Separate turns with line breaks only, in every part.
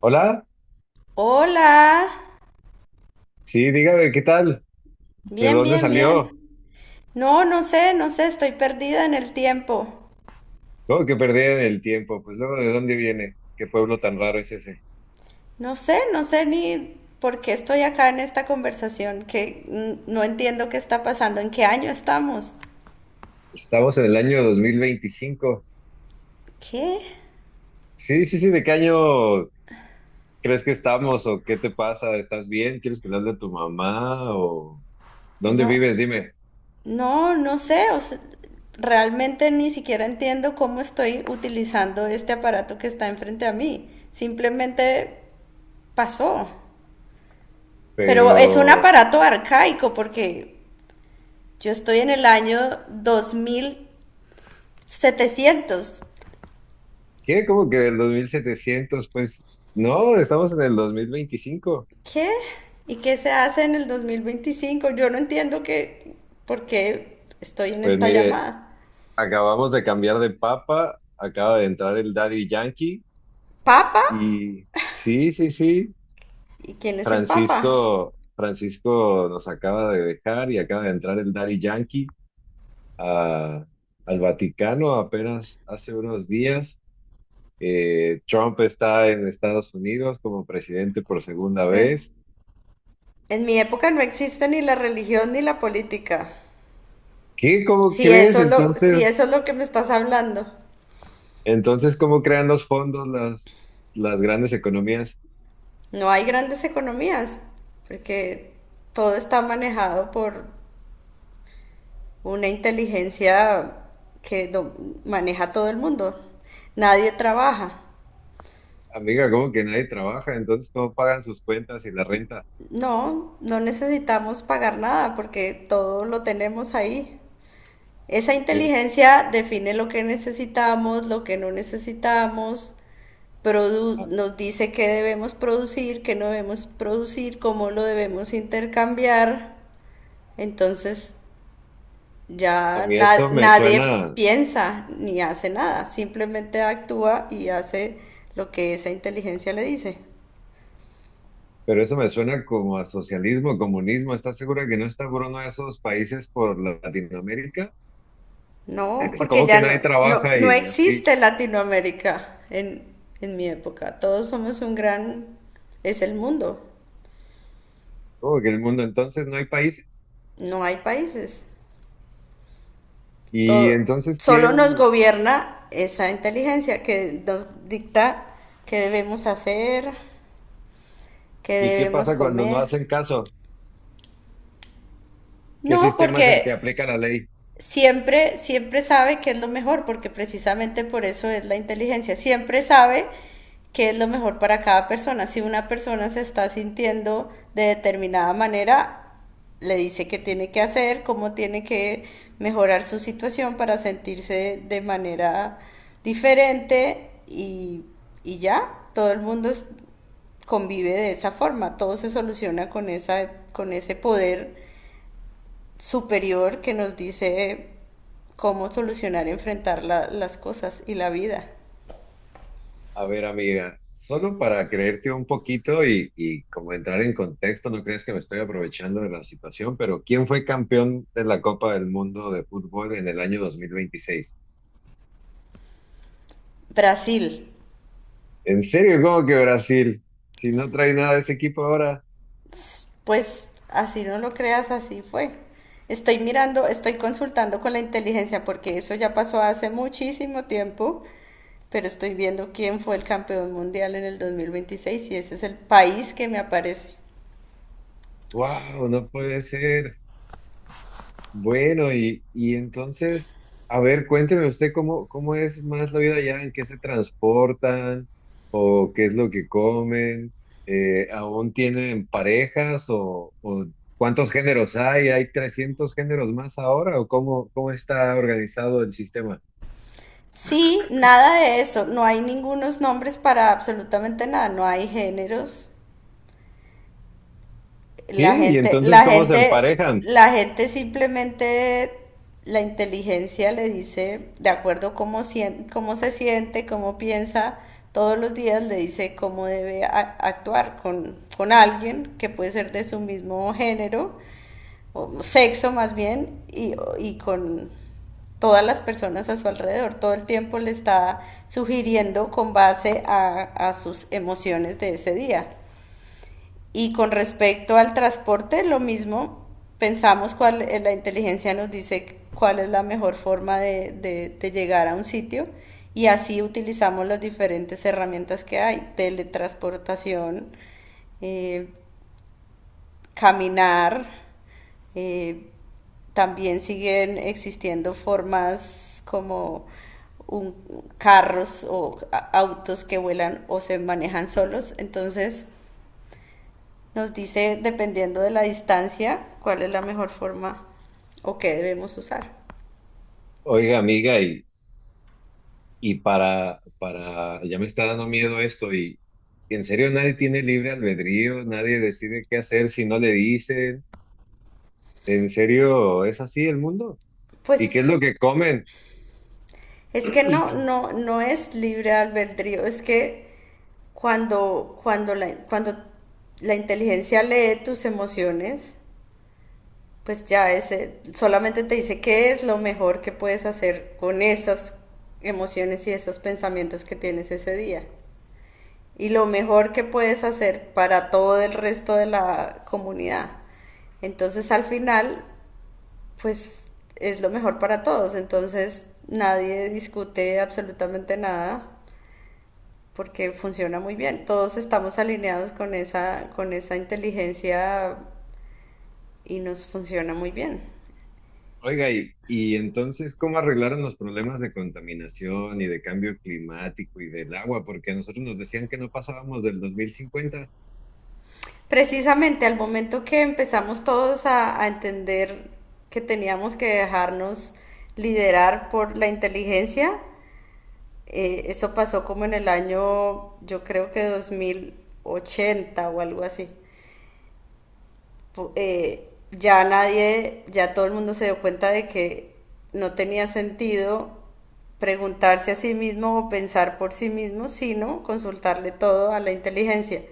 Hola,
Hola.
sí, dígame, ¿qué tal? ¿De
Bien,
dónde
bien,
salió?
bien. No, no sé, no sé, estoy perdida en el tiempo.
¿Cómo que perdí el tiempo? Pues luego, ¿de dónde viene? ¿Qué pueblo tan raro es ese?
No sé, no sé ni por qué estoy acá en esta conversación. No entiendo qué está pasando, en qué año estamos.
Estamos en el año 2025.
¿Qué?
Sí, sí, sí, ¿de qué año crees que estamos o qué te pasa? ¿Estás bien? ¿Quieres que le hable a tu mamá o dónde
No,
vives? Dime.
no, no sé, o sea, realmente ni siquiera entiendo cómo estoy utilizando este aparato que está enfrente a mí. Simplemente pasó. Pero es un
Pero,
aparato arcaico porque yo estoy en el año dos mil setecientos.
¿qué? ¿Cómo que del dos mil setecientos? Pues no, estamos en el 2025.
¿Qué? ¿Y qué se hace en el 2025? Yo no entiendo por qué estoy en
Pues
esta
mire,
llamada.
acabamos de cambiar de papa, acaba de entrar el Daddy Yankee.
¿Papa?
Y sí, sí, sí.
¿Y quién es el Papa?
Francisco, Francisco nos acaba de dejar y acaba de entrar el Daddy Yankee a- al Vaticano apenas hace unos días. Trump está en Estados Unidos como presidente por segunda
Pero
vez.
en mi época no existe ni la religión ni la política.
¿Qué? ¿Cómo crees?
Si
Entonces,
eso es lo que me estás hablando.
entonces, ¿cómo crean los fondos las grandes economías?
No hay grandes economías, porque todo está manejado por una inteligencia que maneja todo el mundo. Nadie trabaja.
Amiga, ¿cómo que nadie trabaja? Entonces, ¿cómo pagan sus cuentas y la renta?
No, no necesitamos pagar nada porque todo lo tenemos ahí. Esa
Es,
inteligencia define lo que necesitamos, lo que no necesitamos,
a
nos dice qué debemos producir, qué no debemos producir, cómo lo debemos intercambiar. Entonces
a
ya
mí eso me
nadie
suena.
piensa ni hace nada, simplemente actúa y hace lo que esa inteligencia le dice.
Pero eso me suena como a socialismo, comunismo. ¿Estás segura que no está por uno de esos países por Latinoamérica?
No, porque
¿Cómo
ya
que nadie trabaja
no
y así?
existe Latinoamérica en mi época. Todos somos un gran… Es el mundo.
¿Cómo que en el mundo entonces no hay países?
No hay países.
¿Y
Todo,
entonces
solo nos
quién?
gobierna esa inteligencia que nos dicta qué debemos hacer, qué
¿Y qué
debemos
pasa cuando no
comer.
hacen caso? ¿Qué
No,
sistema es el que
porque
aplica la ley?
siempre sabe qué es lo mejor, porque precisamente por eso es la inteligencia, siempre sabe qué es lo mejor para cada persona. Si una persona se está sintiendo de determinada manera, le dice qué tiene que hacer, cómo tiene que mejorar su situación para sentirse de manera diferente y ya, todo el mundo es- convive de esa forma, todo se soluciona con esa, con ese poder superior que nos dice cómo solucionar y enfrentar las cosas y la vida.
A ver, amiga, solo para creerte un poquito y como entrar en contexto, no crees que me estoy aprovechando de la situación, pero ¿quién fue campeón de la Copa del Mundo de Fútbol en el año 2026?
Brasil,
¿En serio? ¿Cómo que Brasil? Si no trae nada de ese equipo ahora,
pues así no lo creas, así fue. Estoy mirando, estoy consultando con la inteligencia porque eso ya pasó hace muchísimo tiempo, pero estoy viendo quién fue el campeón mundial en el 2026 y ese es el país que me aparece.
wow, no puede ser. Bueno, y entonces, a ver, cuénteme usted cómo, cómo es más la vida allá, ¿en qué se transportan o qué es lo que comen? ¿Aún tienen parejas o cuántos géneros hay? ¿Hay 300 géneros más ahora o cómo, cómo está organizado el sistema?
Sí, nada de eso, no hay ningunos nombres para absolutamente nada, no hay géneros. La
¿Qué? ¿Y
gente,
entonces
la
cómo se
gente,
emparejan?
la gente simplemente, la inteligencia le dice, de acuerdo cómo, cómo se siente, cómo piensa, todos los días le dice cómo debe actuar con alguien que puede ser de su mismo género, o sexo más bien, y con todas las personas a su alrededor. Todo el tiempo le está sugiriendo con base a sus emociones de ese día. Y con respecto al transporte, lo mismo, pensamos cuál, la inteligencia nos dice cuál es la mejor forma de, de llegar a un sitio y así utilizamos las diferentes herramientas que hay: teletransportación, eh, caminar, eh, también siguen existiendo formas como un- carros o autos que vuelan o se manejan solos. Entonces, nos dice, dependiendo de la distancia, cuál es la mejor forma o qué debemos usar.
Oiga, amiga, y para, ya me está dando miedo esto y en serio nadie tiene libre albedrío, nadie decide qué hacer si no le dicen, en serio es así el mundo. ¿Y qué es
Pues
lo que comen?
es que no es libre albedrío, es que cuando la inteligencia lee tus emociones, pues ya ese, solamente te dice qué es lo mejor que puedes hacer con esas emociones y esos pensamientos que tienes ese día, y lo mejor que puedes hacer para todo el resto de la comunidad. Entonces al final, pues es lo mejor para todos. Entonces nadie discute absolutamente nada porque funciona muy bien. Todos estamos alineados con con esa inteligencia y nos funciona muy bien.
Oiga, y entonces, ¿cómo arreglaron los problemas de contaminación y de cambio climático y del agua? Porque a nosotros nos decían que no pasábamos del dos mil cincuenta.
Precisamente al momento que empezamos todos a entender que teníamos que dejarnos liderar por la inteligencia, eso pasó como en el año, yo creo que 2080 o algo así. Ya nadie, ya todo el mundo se dio cuenta de que no tenía sentido preguntarse a sí mismo o pensar por sí mismo, sino consultarle todo a la inteligencia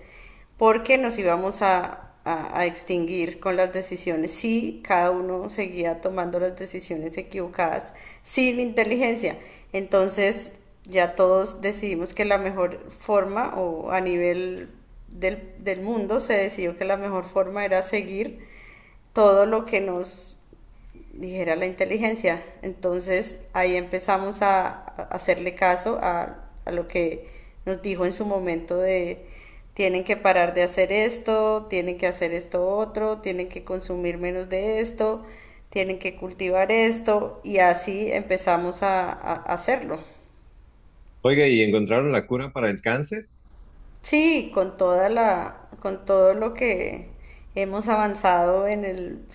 porque nos íbamos a extinguir con las decisiones si cada uno seguía tomando las decisiones equivocadas sin inteligencia. Entonces ya todos decidimos que la mejor forma o a nivel del, del mundo se decidió que la mejor forma era seguir todo lo que nos dijera la inteligencia. Entonces ahí empezamos a hacerle caso lo que nos dijo en su momento de: tienen que parar de hacer esto, tienen que hacer esto otro, tienen que consumir menos de esto, tienen que cultivar esto, y así empezamos a hacerlo.
Oiga, ¿y encontraron la cura para el cáncer?
Sí, con con todo lo que hemos avanzado en el,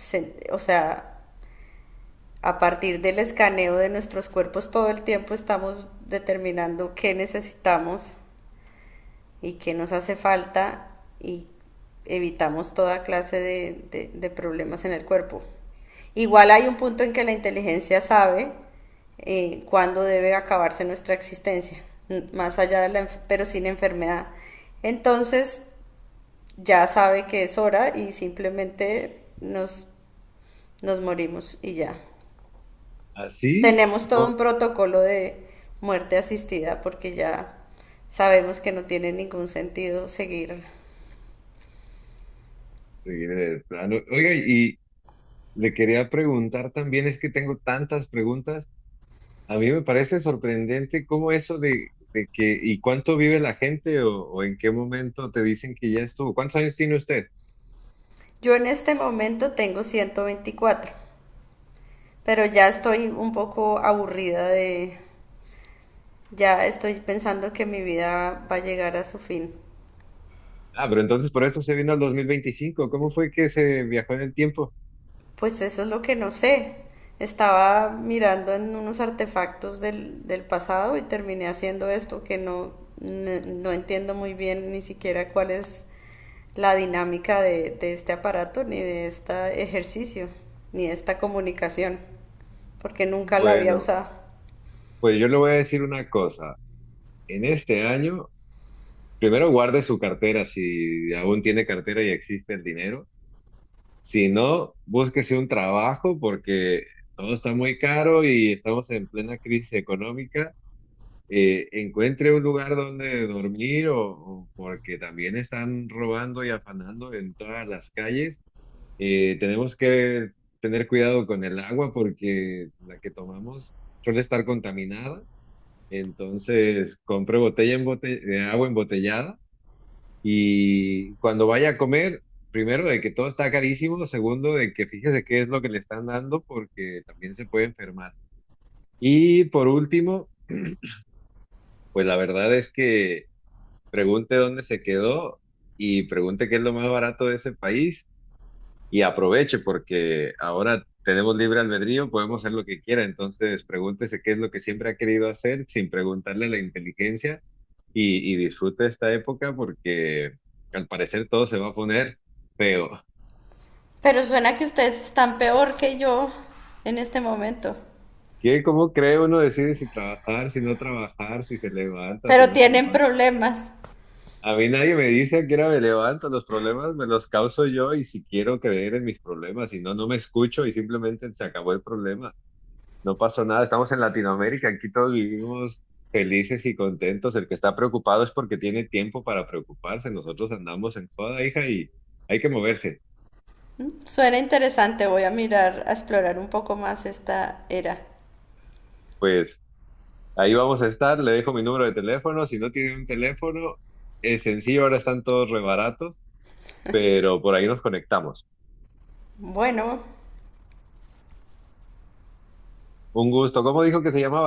o sea, a partir del escaneo de nuestros cuerpos todo el tiempo estamos determinando qué necesitamos y qué nos hace falta, y evitamos toda clase de problemas en el cuerpo. Igual hay un punto en que la inteligencia sabe cuándo debe acabarse nuestra existencia, más allá de la, pero sin enfermedad. Entonces ya sabe que es hora y simplemente nos morimos y ya.
¿Así?
Tenemos todo
No,
un protocolo de muerte asistida porque ya sabemos que no tiene ningún sentido seguir.
sí, de plano. Oiga, y le quería preguntar también, es que tengo tantas preguntas. A mí me parece sorprendente cómo eso de que, ¿y cuánto vive la gente o en qué momento te dicen que ya estuvo? ¿Cuántos años tiene usted?
Yo en este momento tengo 124, pero ya estoy un poco aburrida de, ya estoy pensando que mi vida va a llegar a su fin.
Ah, pero entonces por eso se vino al 2025. ¿Cómo fue que se viajó en el tiempo?
Pues eso es lo que no sé. Estaba mirando en unos artefactos del, del pasado y terminé haciendo esto que no entiendo muy bien ni siquiera cuál es la dinámica de este aparato, ni de este ejercicio, ni de esta comunicación, porque nunca la había
Bueno,
usado.
pues yo le voy a decir una cosa. En este año, primero guarde su cartera si aún tiene cartera y existe el dinero. Si no, búsquese un trabajo porque todo está muy caro y estamos en plena crisis económica. Encuentre un lugar donde dormir o porque también están robando y afanando en todas las calles. Tenemos que tener cuidado con el agua porque la que tomamos suele estar contaminada. Entonces, compre botella de agua embotellada y cuando vaya a comer, primero de que todo está carísimo, segundo de que fíjese qué es lo que le están dando porque también se puede enfermar. Y por último, pues la verdad es que pregunte dónde se quedó y pregunte qué es lo más barato de ese país y aproveche porque ahora tenemos libre albedrío, podemos hacer lo que quiera, entonces pregúntese qué es lo que siempre ha querido hacer sin preguntarle a la inteligencia y disfrute esta época porque al parecer todo se va a poner feo.
Pero suena que ustedes están peor que yo en este momento,
¿Qué? ¿Cómo cree? Uno decide si trabajar, si no trabajar, si se levanta, si
pero
no se
tienen
levanta.
problemas.
A mí nadie me dice que era me levanto, los problemas me los causo yo y si quiero creer en mis problemas, si no, no me escucho y simplemente se acabó el problema. No pasó nada, estamos en Latinoamérica, aquí todos vivimos felices y contentos. El que está preocupado es porque tiene tiempo para preocuparse. Nosotros andamos en joda, hija, y hay que moverse.
Suena interesante, voy a mirar, a explorar un poco más esta era.
Pues ahí vamos a estar, le dejo mi número de teléfono. Si no tiene un teléfono, es sencillo, ahora están todos rebaratos, pero por ahí nos conectamos.
Bueno,
Un gusto. ¿Cómo dijo que se llamaba?